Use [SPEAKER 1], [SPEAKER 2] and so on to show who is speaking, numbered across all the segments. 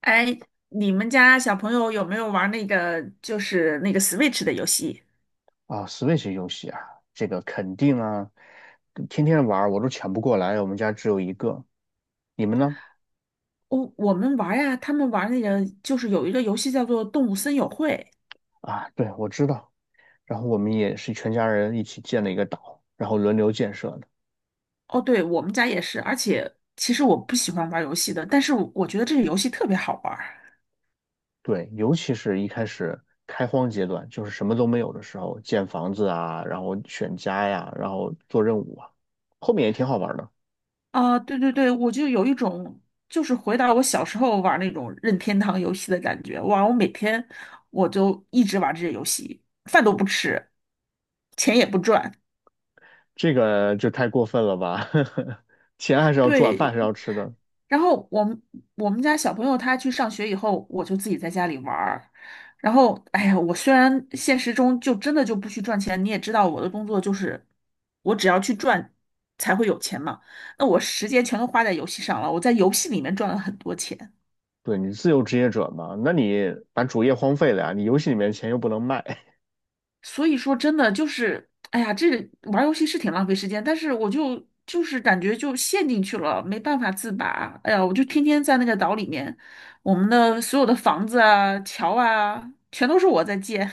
[SPEAKER 1] 哎，你们家小朋友有没有玩那个就是那个 Switch 的游戏？
[SPEAKER 2] 啊，Switch 游戏啊，这个肯定啊，天天玩儿我都抢不过来，我们家只有一个。你们呢？
[SPEAKER 1] 我们玩呀，他们玩那个就是有一个游戏叫做《动物森友会》。
[SPEAKER 2] 啊，对，我知道。然后我们也是全家人一起建了一个岛，然后轮流建设的。
[SPEAKER 1] 哦，对，我们家也是。而且其实我不喜欢玩游戏的，但是我觉得这个游戏特别好玩儿
[SPEAKER 2] 对，尤其是一开始开荒阶段，就是什么都没有的时候，建房子啊，然后选家呀，然后做任务啊，后面也挺好玩的。
[SPEAKER 1] 啊！对对对，我就有一种就是回到我小时候玩那种任天堂游戏的感觉。哇，我每天我就一直玩这些游戏，饭都不吃，钱也不赚。
[SPEAKER 2] 这个就太过分了吧？钱还是要赚，饭还
[SPEAKER 1] 对，
[SPEAKER 2] 是要吃的。
[SPEAKER 1] 然后我们家小朋友他去上学以后，我就自己在家里玩儿。然后，哎呀，我虽然现实中就真的就不去赚钱，你也知道我的工作就是我只要去赚才会有钱嘛。那我时间全都花在游戏上了，我在游戏里面赚了很多钱。
[SPEAKER 2] 对你自由职业者嘛，那你把主业荒废了呀，你游戏里面的钱又不能卖。
[SPEAKER 1] 所以说真的就是，哎呀，这玩儿游戏是挺浪费时间，但是我就是感觉就陷进去了，没办法自拔。哎呀，我就天天在那个岛里面，我们的所有的房子啊、桥啊，全都是我在建。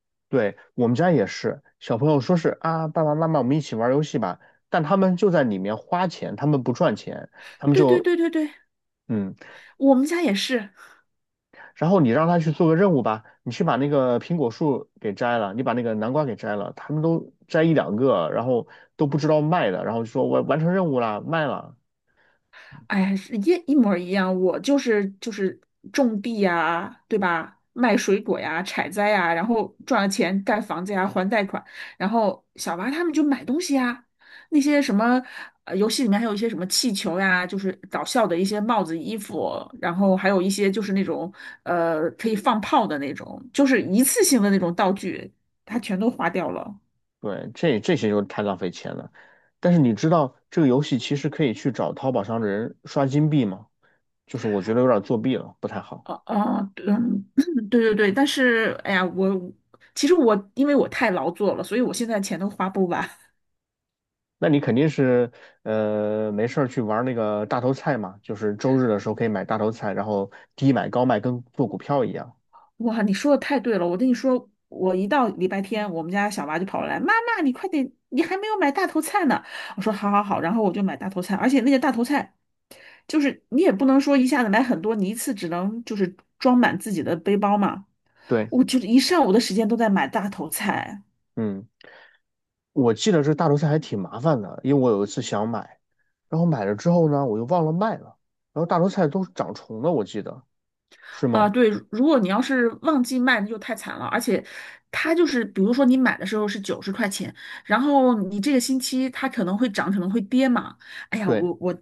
[SPEAKER 2] 对，我们家也是，小朋友说是啊，爸爸妈妈我们一起玩游戏吧，但他们就在里面花钱，他们不赚钱，他们
[SPEAKER 1] 对对
[SPEAKER 2] 就
[SPEAKER 1] 对对对，
[SPEAKER 2] 嗯，
[SPEAKER 1] 我们家也是。
[SPEAKER 2] 然后你让他去做个任务吧，你去把那个苹果树给摘了，你把那个南瓜给摘了，他们都摘一两个，然后都不知道卖的，然后就说我完成任务了，卖了，
[SPEAKER 1] 哎呀，是一一模儿一样，我就是种地呀，对吧？卖水果呀，采摘呀，然后赚了钱盖房子呀，还贷款。然后小娃他们就买东西呀，那些什么游戏里面还有一些什么气球呀，就是搞笑的一些帽子、衣服，然后还有一些就是那种可以放炮的那种，就是一次性的那种道具，他全都花掉了。
[SPEAKER 2] 对，这些就太浪费钱了。但是你知道这个游戏其实可以去找淘宝上的人刷金币吗？就是我觉得有点作弊了，不太好。
[SPEAKER 1] 哦哦，嗯，对对对，但是哎呀，其实我因为我太劳作了，所以我现在钱都花不完。
[SPEAKER 2] 那你肯定是没事儿去玩那个大头菜嘛，就是周日的时候可以买大头菜，然后低买高卖，跟做股票一样。
[SPEAKER 1] 哇，你说的太对了，我跟你说，我一到礼拜天，我们家小娃就跑过来，妈妈，你快点，你还没有买大头菜呢。我说好好好，然后我就买大头菜，而且那个大头菜就是你也不能说一下子买很多，你一次只能就是装满自己的背包嘛。
[SPEAKER 2] 对，
[SPEAKER 1] 我就是一上午的时间都在买大头菜。
[SPEAKER 2] 嗯，我记得这大头菜还挺麻烦的，因为我有一次想买，然后买了之后呢，我又忘了卖了，然后大头菜都长虫了，我记得是
[SPEAKER 1] 啊，
[SPEAKER 2] 吗？
[SPEAKER 1] 对，如果你要是旺季卖，那就太惨了。而且，它就是，比如说你买的时候是90块钱，然后你这个星期它可能会涨，可能会跌嘛。哎呀，
[SPEAKER 2] 对。
[SPEAKER 1] 我我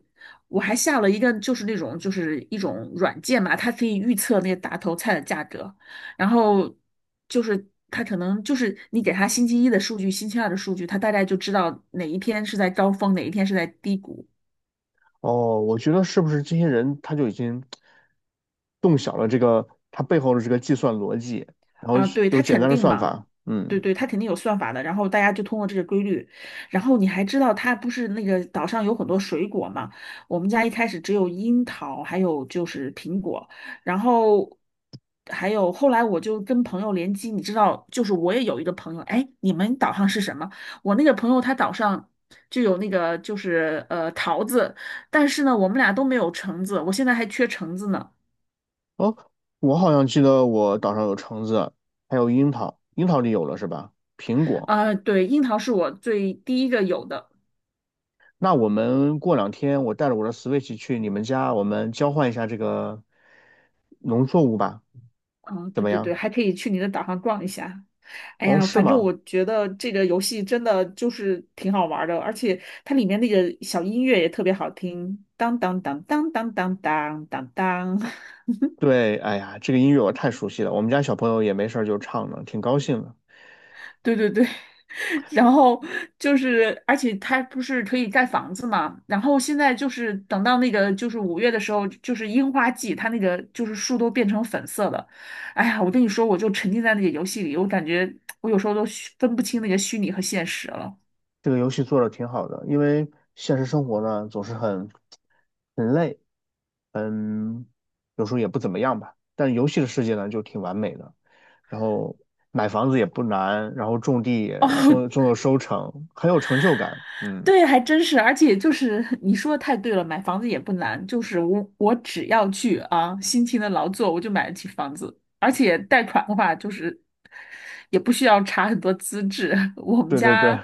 [SPEAKER 1] 我还下了一个，就是那种就是一种软件嘛，它可以预测那个大头菜的价格，然后就是它可能就是你给它星期一的数据，星期二的数据，它大概就知道哪一天是在高峰，哪一天是在低谷。
[SPEAKER 2] 哦，我觉得是不是这些人他就已经动小了这个他背后的这个计算逻辑，然后
[SPEAKER 1] 啊，
[SPEAKER 2] 是
[SPEAKER 1] 对，
[SPEAKER 2] 有
[SPEAKER 1] 它
[SPEAKER 2] 简
[SPEAKER 1] 肯
[SPEAKER 2] 单的
[SPEAKER 1] 定
[SPEAKER 2] 算
[SPEAKER 1] 嘛，
[SPEAKER 2] 法。
[SPEAKER 1] 对
[SPEAKER 2] 嗯，
[SPEAKER 1] 对，它肯定有算法的。然后大家就通过这个规律，然后你还知道它不是那个岛上有很多水果嘛？我们家一开始只有樱桃，还有就是苹果，然后还有后来我就跟朋友联机，你知道，就是我也有一个朋友，哎，你们岛上是什么？我那个朋友他岛上就有那个就是桃子，但是呢，我们俩都没有橙子，我现在还缺橙子呢。
[SPEAKER 2] 哦，我好像记得我岛上有橙子，还有樱桃，樱桃你有了是吧？苹果。
[SPEAKER 1] 呃，对，樱桃是我最第一个有的。
[SPEAKER 2] 那我们过两天我带着我的 Switch 去你们家，我们交换一下这个农作物吧，
[SPEAKER 1] 嗯，
[SPEAKER 2] 怎
[SPEAKER 1] 对
[SPEAKER 2] 么
[SPEAKER 1] 对对，
[SPEAKER 2] 样？
[SPEAKER 1] 还可以去你的岛上逛一下。哎
[SPEAKER 2] 哦，
[SPEAKER 1] 呀，
[SPEAKER 2] 是
[SPEAKER 1] 反正
[SPEAKER 2] 吗？
[SPEAKER 1] 我觉得这个游戏真的就是挺好玩儿的，而且它里面那个小音乐也特别好听，当当当当当当当当当。
[SPEAKER 2] 对，哎呀，这个音乐我太熟悉了，我们家小朋友也没事儿就唱呢，挺高兴的。
[SPEAKER 1] 对对对，然后就是，而且它不是可以盖房子嘛？然后现在就是等到那个就是5月的时候，就是樱花季，它那个就是树都变成粉色的。哎呀，我跟你说，我就沉浸在那个游戏里，我感觉我有时候都虚分不清那个虚拟和现实了。
[SPEAKER 2] 这个游戏做的挺好的，因为现实生活呢总是很累，嗯，有时候也不怎么样吧。但游戏的世界呢就挺完美的，然后买房子也不难，然后种地 也
[SPEAKER 1] 哦，
[SPEAKER 2] 终有收成，很有成就感。嗯，
[SPEAKER 1] 对，还真是，而且就是你说的太对了，买房子也不难，就是我只要去啊，辛勤的劳作，我就买得起房子，而且贷款的话，就是也不需要查很多资质。我们
[SPEAKER 2] 对对对，
[SPEAKER 1] 家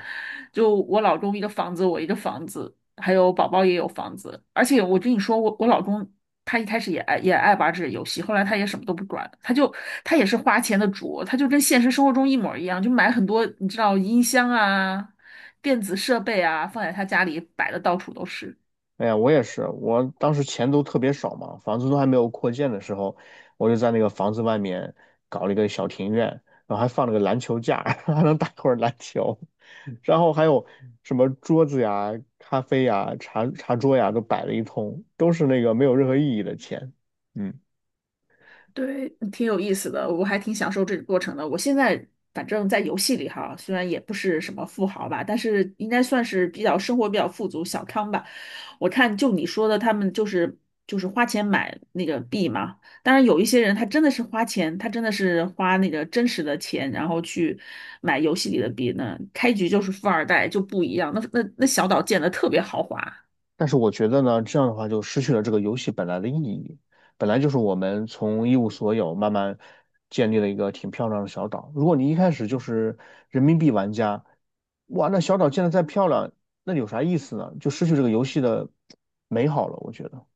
[SPEAKER 1] 就我老公一个房子，我一个房子，还有宝宝也有房子，而且我跟你说，我老公他一开始也爱玩这个游戏，后来他也什么都不管，他也是花钱的主，他就跟现实生活中一模一样，就买很多你知道音箱啊。电子设备啊，放在他家里摆的到处都是。
[SPEAKER 2] 哎呀，我也是，我当时钱都特别少嘛，房子都还没有扩建的时候，我就在那个房子外面搞了一个小庭院，然后还放了个篮球架，还能打会儿篮球，然后还有什么桌子呀、咖啡呀、茶桌呀，都摆了一通，都是那个没有任何意义的钱。嗯。
[SPEAKER 1] 对，挺有意思的，我还挺享受这个过程的。我现在反正在游戏里哈，虽然也不是什么富豪吧，但是应该算是比较生活比较富足、小康吧。我看就你说的，他们就是花钱买那个币嘛。当然有一些人他真的是花钱，他真的是花那个真实的钱，然后去买游戏里的币呢。开局就是富二代就不一样，那小岛建的特别豪华。
[SPEAKER 2] 但是我觉得呢，这样的话就失去了这个游戏本来的意义。本来就是我们从一无所有慢慢建立了一个挺漂亮的小岛。如果你一开始就是人民币玩家，哇，那小岛建得再漂亮，那有啥意思呢？就失去这个游戏的美好了。我觉得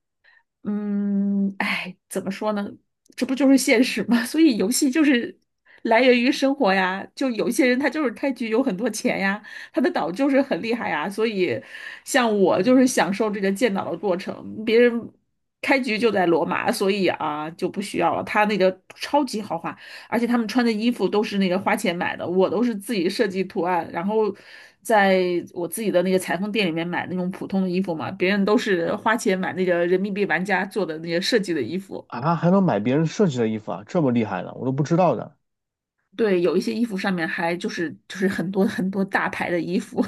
[SPEAKER 1] 嗯，哎，怎么说呢？这不就是现实吗？所以游戏就是来源于生活呀。就有些人他就是开局有很多钱呀，他的岛就是很厉害呀。所以，像我就是享受这个建岛的过程。别人开局就在罗马，所以啊就不需要了。他那个超级豪华。而且他们穿的衣服都是那个花钱买的，我都是自己设计图案，然后在我自己的那个裁缝店里面买那种普通的衣服嘛，别人都是花钱买那个人民币玩家做的那些设计的衣服。
[SPEAKER 2] 啊，还能买别人设计的衣服啊，这么厉害呢，我都不知道的。
[SPEAKER 1] 对，有一些衣服上面还就是很多很多大牌的衣服，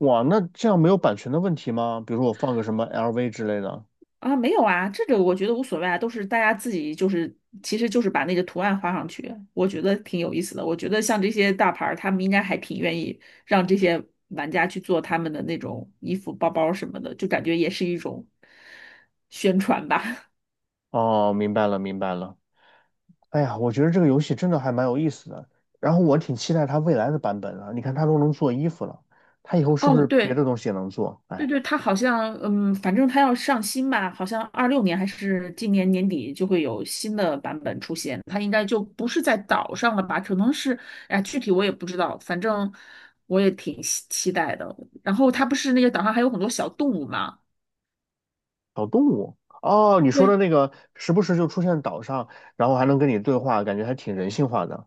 [SPEAKER 2] 哇，那这样没有版权的问题吗？比如说我放个什么 LV 之类的。
[SPEAKER 1] 啊，没有啊，这个我觉得无所谓啊，都是大家自己就是，其实就是把那个图案画上去，我觉得挺有意思的。我觉得像这些大牌儿，他们应该还挺愿意让这些玩家去做他们的那种衣服、包包什么的，就感觉也是一种宣传吧。
[SPEAKER 2] 哦，明白了，明白了。哎呀，我觉得这个游戏真的还蛮有意思的，然后我挺期待它未来的版本啊，你看，它都能做衣服了，它以后是不
[SPEAKER 1] 哦，
[SPEAKER 2] 是别
[SPEAKER 1] 对，
[SPEAKER 2] 的东西也能做？
[SPEAKER 1] 对
[SPEAKER 2] 哎，
[SPEAKER 1] 对，他好像，嗯，反正他要上新吧，好像26年还是今年年底就会有新的版本出现。他应该就不是在岛上了吧？可能是，哎，具体我也不知道，反正我也挺期待的。然后他不是那个岛上还有很多小动物嘛？
[SPEAKER 2] 小动物哦，你说的那
[SPEAKER 1] 对
[SPEAKER 2] 个时不时就出现岛上，然后还能跟你对话，感觉还挺人性化的。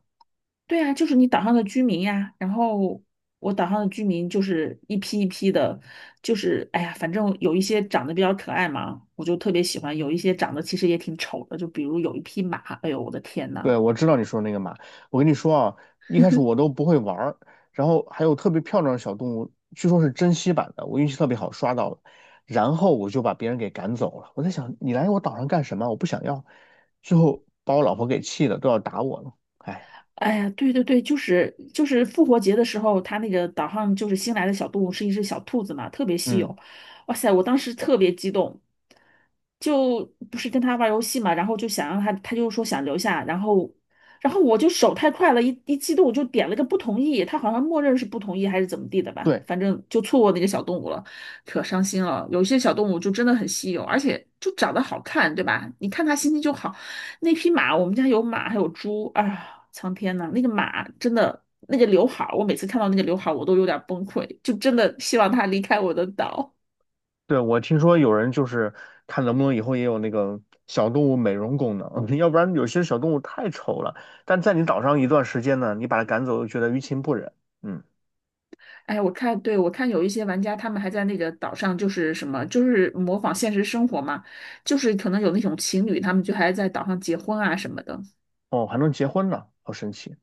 [SPEAKER 1] 对啊，就是你岛上的居民呀。然后我岛上的居民就是一批一批的，就是哎呀，反正有一些长得比较可爱嘛，我就特别喜欢；有一些长得其实也挺丑的，就比如有一匹马，哎呦我的天
[SPEAKER 2] 对，
[SPEAKER 1] 呐！
[SPEAKER 2] 我知道你说那个马。我跟你说啊，一开始 我都不会玩儿，然后还有特别漂亮的小动物，据说是珍稀版的，我运气特别好刷到了，然后我就把别人给赶走了。我在想，你来我岛上干什么？我不想要。最后把我老婆给气的，都要打我了。哎，
[SPEAKER 1] 哎呀，对对对，就是复活节的时候，他那个岛上就是新来的小动物是一只小兔子嘛，特别稀
[SPEAKER 2] 嗯，
[SPEAKER 1] 有。哇塞，我当时特别激动，就不是跟他玩游戏嘛，然后就想让他，他就说想留下，然后然后我就手太快了，一激动我就点了个不同意，他好像默认是不同意还是怎么地的吧，
[SPEAKER 2] 对
[SPEAKER 1] 反正就错过那个小动物了，可伤心了。有些小动物就真的很稀有，而且就长得好看，对吧？你看它心情就好。那匹马，我们家有马，还有猪啊！苍天呐，那个马真的，那个刘海儿，我每次看到那个刘海儿，我都有点崩溃，就真的希望它离开我的岛。
[SPEAKER 2] 对，我听说有人就是看能不能以后也有那个小动物美容功能，要不然有些小动物太丑了，但在你岛上一段时间呢，你把它赶走又觉得于情不忍。嗯。
[SPEAKER 1] 哎，我看，对，我看有一些玩家，他们还在那个岛上，就是什么，就是模仿现实生活嘛，就是可能有那种情侣，他们就还在岛上结婚啊什么的。
[SPEAKER 2] 哦，还能结婚呢，好神奇。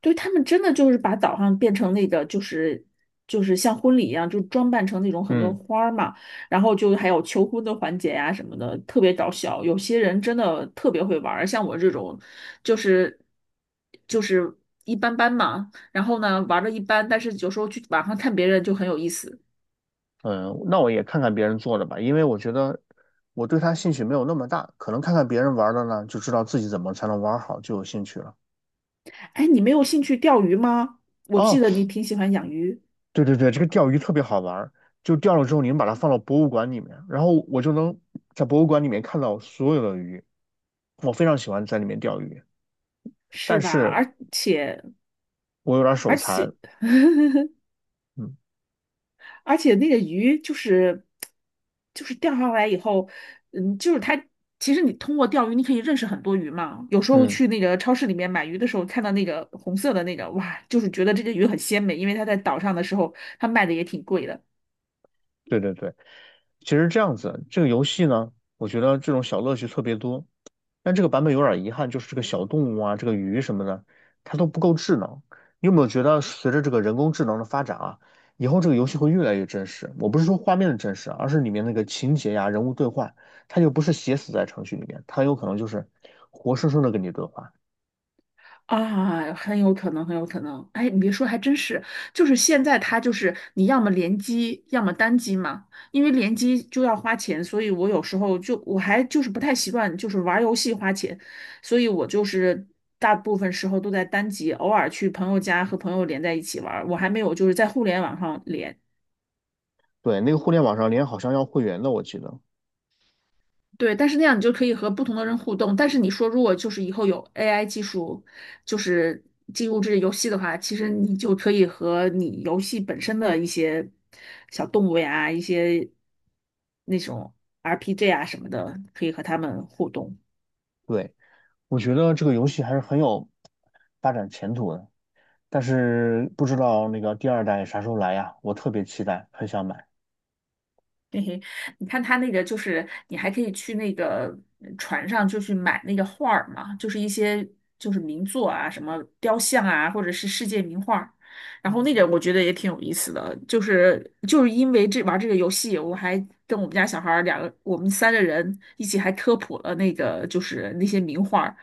[SPEAKER 1] 对，他们真的就是把岛上变成那个，就是就是像婚礼一样，就装扮成那种很多
[SPEAKER 2] 嗯
[SPEAKER 1] 花儿嘛，然后就还有求婚的环节呀、什么的，特别搞笑。有些人真的特别会玩儿，像我这种，就是就是一般般嘛。然后呢，玩的一般，但是有时候去网上看别人就很有意思。
[SPEAKER 2] 嗯，那我也看看别人做的吧，因为我觉得我对它兴趣没有那么大，可能看看别人玩的呢，就知道自己怎么才能玩好，就有兴趣了。
[SPEAKER 1] 哎，你没有兴趣钓鱼吗？我记
[SPEAKER 2] 哦，
[SPEAKER 1] 得你挺喜欢养鱼，
[SPEAKER 2] 对对对，这个钓鱼特别好玩儿就钓了之后，你们把它放到博物馆里面，然后我就能在博物馆里面看到所有的鱼。我非常喜欢在里面钓鱼，
[SPEAKER 1] 是
[SPEAKER 2] 但
[SPEAKER 1] 吧？
[SPEAKER 2] 是我有点儿手
[SPEAKER 1] 而且
[SPEAKER 2] 残。嗯
[SPEAKER 1] 而且那个鱼就是钓上来以后，嗯，就是它。其实你通过钓鱼，你可以认识很多鱼嘛。有时候
[SPEAKER 2] 嗯。
[SPEAKER 1] 去那个超市里面买鱼的时候，看到那个红色的那个，哇，就是觉得这个鱼很鲜美，因为它在岛上的时候，它卖的也挺贵的。
[SPEAKER 2] 对对对，其实这样子，这个游戏呢，我觉得这种小乐趣特别多，但这个版本有点遗憾，就是这个小动物啊，这个鱼什么的，它都不够智能。你有没有觉得随着这个人工智能的发展啊，以后这个游戏会越来越真实？我不是说画面的真实啊而是里面那个情节呀、人物对话，它就不是写死在程序里面，它有可能就是活生生的跟你对话。
[SPEAKER 1] 啊，很有可能，很有可能。哎，你别说，还真是，就是现在它就是你要么联机，要么单机嘛。因为联机就要花钱，所以我有时候就我还就是不太习惯，就是玩儿游戏花钱，所以我就是大部分时候都在单机，偶尔去朋友家和朋友连在一起玩儿。我还没有就是在互联网上连。
[SPEAKER 2] 对，那个互联网上连好像要会员的，我记得。
[SPEAKER 1] 对，但是那样你就可以和不同的人互动。但是你说，如果就是以后有 AI 技术，就是进入这个游戏的话，其实你就可以和你游戏本身的一些小动物呀、一些那种 RPG 啊什么的，可以和他们互动。
[SPEAKER 2] 对，我觉得这个游戏还是很有发展前途的。但是不知道那个第二代啥时候来呀？我特别期待，很想买。
[SPEAKER 1] 嘿嘿，你看他那个就是，你还可以去那个船上，就去买那个画儿嘛，就是一些就是名作啊，什么雕像啊，或者是世界名画儿。然后那个我觉得也挺有意思的，就是因为这玩这个游戏，我还跟我们家小孩儿两个，我们三个人一起还科普了那个就是那些名画儿，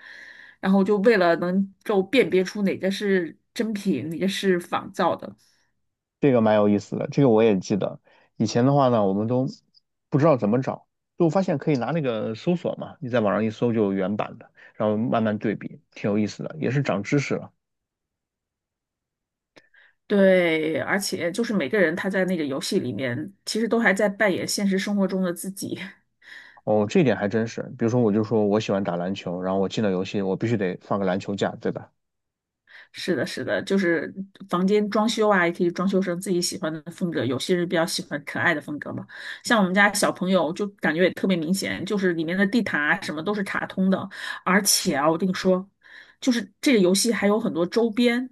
[SPEAKER 1] 然后就为了能够辨别出哪个是真品，哪个是仿造的。
[SPEAKER 2] 这个蛮有意思的，这个我也记得。以前的话呢，我们都不知道怎么找，就发现可以拿那个搜索嘛，你在网上一搜就有原版的，然后慢慢对比，挺有意思的，也是长知识了。
[SPEAKER 1] 对，而且就是每个人他在那个游戏里面，其实都还在扮演现实生活中的自己。
[SPEAKER 2] 哦，这点还真是。比如说，我就说我喜欢打篮球，然后我进了游戏，我必须得放个篮球架，对吧？
[SPEAKER 1] 是的，是的，就是房间装修啊，也可以装修成自己喜欢的风格。有些人比较喜欢可爱的风格嘛，像我们家小朋友就感觉也特别明显，就是里面的地毯啊什么都是卡通的。而且啊，我跟你说，就是这个游戏还有很多周边，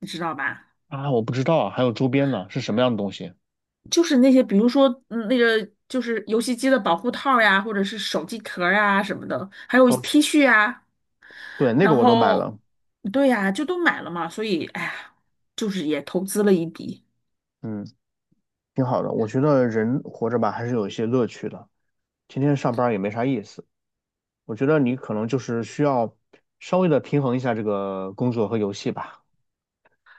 [SPEAKER 1] 你知道吧？
[SPEAKER 2] 啊，我不知道啊，还有周边呢，是什么样的东西？
[SPEAKER 1] 就是那些，比如说那个就是游戏机的保护套呀，或者是手机壳儿啊什么的，还有
[SPEAKER 2] 哦，
[SPEAKER 1] T 恤啊，
[SPEAKER 2] 对，那个
[SPEAKER 1] 然
[SPEAKER 2] 我都买
[SPEAKER 1] 后
[SPEAKER 2] 了，
[SPEAKER 1] 对呀，就都买了嘛，所以哎呀，就是也投资了一笔。
[SPEAKER 2] 嗯，挺好的。我觉得人活着吧，还是有一些乐趣的。天天上班儿也没啥意思。我觉得你可能就是需要稍微的平衡一下这个工作和游戏吧。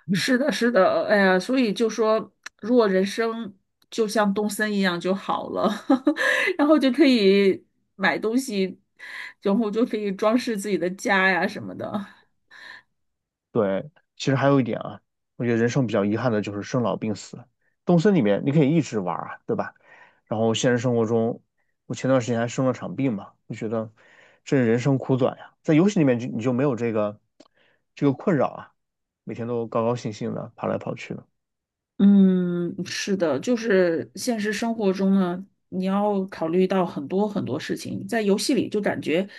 [SPEAKER 2] 嗯
[SPEAKER 1] 是的，是的，哎呀，所以就说，如果人生就像东森一样就好了，然后就可以买东西，然后就可以装饰自己的家呀什么的。
[SPEAKER 2] 对，其实还有一点啊，我觉得人生比较遗憾的就是生老病死。动森里面你可以一直玩儿啊，对吧？然后现实生活中，我前段时间还生了场病嘛，就觉得这人生苦短呀。在游戏里面就你就没有这个困扰啊，每天都高高兴兴的跑来跑去的。
[SPEAKER 1] 嗯，是的，就是现实生活中呢，你要考虑到很多很多事情，在游戏里就感觉，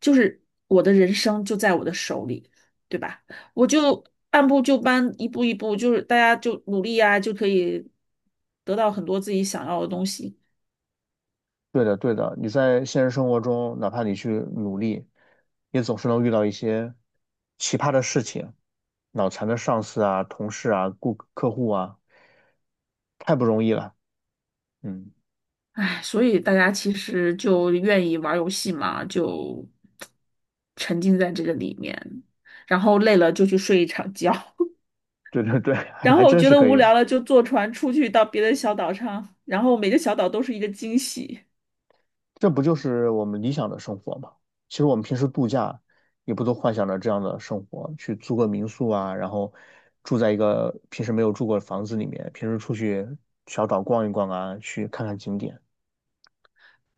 [SPEAKER 1] 就是我的人生就在我的手里，对吧？我就按部就班，一步一步，就是大家就努力呀，就可以得到很多自己想要的东西。
[SPEAKER 2] 对的，对的，你在现实生活中，哪怕你去努力，也总是能遇到一些奇葩的事情，脑残的上司啊、同事啊、顾客户啊，太不容易了。嗯，
[SPEAKER 1] 唉，所以大家其实就愿意玩游戏嘛，就沉浸在这个里面，然后累了就去睡一场觉。
[SPEAKER 2] 对对对，
[SPEAKER 1] 然
[SPEAKER 2] 还
[SPEAKER 1] 后
[SPEAKER 2] 真
[SPEAKER 1] 觉
[SPEAKER 2] 是
[SPEAKER 1] 得
[SPEAKER 2] 可
[SPEAKER 1] 无
[SPEAKER 2] 以，
[SPEAKER 1] 聊了，就坐船出去到别的小岛上，然后每个小岛都是一个惊喜。
[SPEAKER 2] 这不就是我们理想的生活吗？其实我们平时度假，也不都幻想着这样的生活，去租个民宿啊，然后住在一个平时没有住过的房子里面，平时出去小岛逛一逛啊，去看看景点，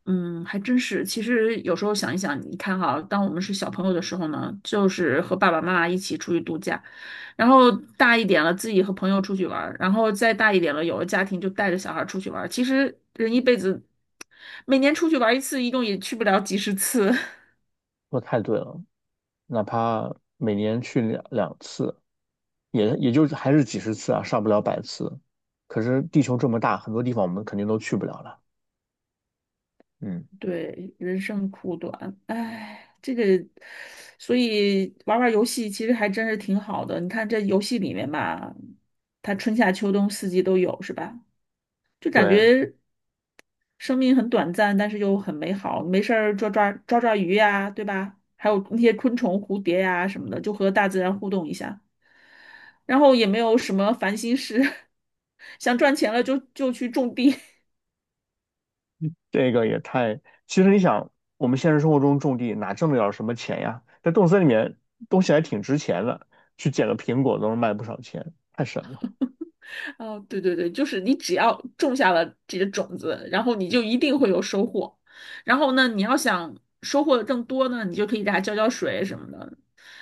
[SPEAKER 1] 嗯，还真是。其实有时候想一想，你看哈，当我们是小朋友的时候呢，就是和爸爸妈妈一起出去度假，然后大一点了，自己和朋友出去玩儿，然后再大一点了，有了家庭就带着小孩儿出去玩儿。其实人一辈子，每年出去玩儿一次，一共也去不了几十次。
[SPEAKER 2] 说得太对了。哪怕每年去两次，也就是还是几十次啊，上不了百次。可是地球这么大，很多地方我们肯定都去不了了。嗯，
[SPEAKER 1] 对，人生苦短，哎，这个，所以玩玩游戏其实还真是挺好的。你看这游戏里面吧，它春夏秋冬四季都有，是吧？就感
[SPEAKER 2] 对，
[SPEAKER 1] 觉生命很短暂，但是又很美好。没事儿抓抓鱼呀，对吧？还有那些昆虫、蝴蝶呀什么的，就和大自然互动一下。然后也没有什么烦心事，想赚钱了就去种地，
[SPEAKER 2] 这个也太……其实你想，我们现实生活中种地哪挣得了什么钱呀？在动森里面，东西还挺值钱的，去捡个苹果都能卖不少钱，太神了。
[SPEAKER 1] 哦，对对对，就是你只要种下了这个种子，然后你就一定会有收获。然后呢，你要想收获的更多呢，你就可以给它浇浇水什么的。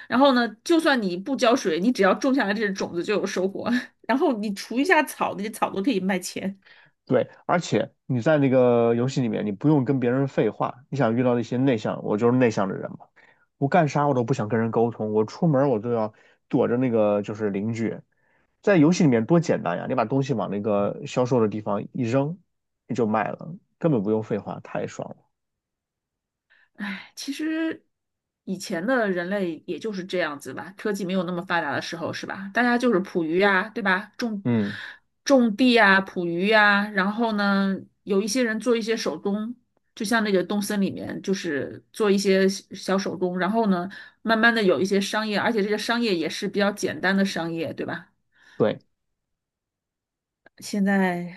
[SPEAKER 1] 然后呢，就算你不浇水，你只要种下了这个种子就有收获。然后你除一下草，那些草都可以卖钱。
[SPEAKER 2] 对，而且你在那个游戏里面，你不用跟别人废话。你想遇到一些内向，我就是内向的人嘛，我干啥我都不想跟人沟通，我出门儿我都要躲着那个就是邻居。在游戏里面多简单呀，你把东西往那个销售的地方一扔，你就卖了，根本不用废话，太爽了。
[SPEAKER 1] 唉，其实以前的人类也就是这样子吧，科技没有那么发达的时候，是吧？大家就是捕鱼呀，对吧？种
[SPEAKER 2] 嗯，
[SPEAKER 1] 种地呀，捕鱼呀，然后呢，有一些人做一些手工，就像那个东森里面，就是做一些小小手工，然后呢，慢慢的有一些商业，而且这个商业也是比较简单的商业，对吧？
[SPEAKER 2] 对
[SPEAKER 1] 现在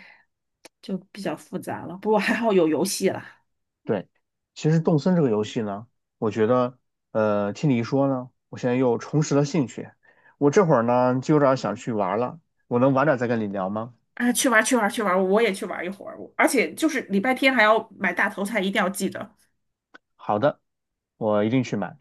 [SPEAKER 1] 就比较复杂了，不过还好有游戏了。
[SPEAKER 2] 对，其实动森这个游戏呢，我觉得，听你一说呢，我现在又重拾了兴趣。我这会儿呢，就有点儿想去玩了，我能晚点再跟你聊吗？
[SPEAKER 1] 啊，去玩儿去玩儿去玩儿我也去玩儿一会儿，我而且就是礼拜天还要买大头菜，一定要记得。
[SPEAKER 2] 好的，我一定去买。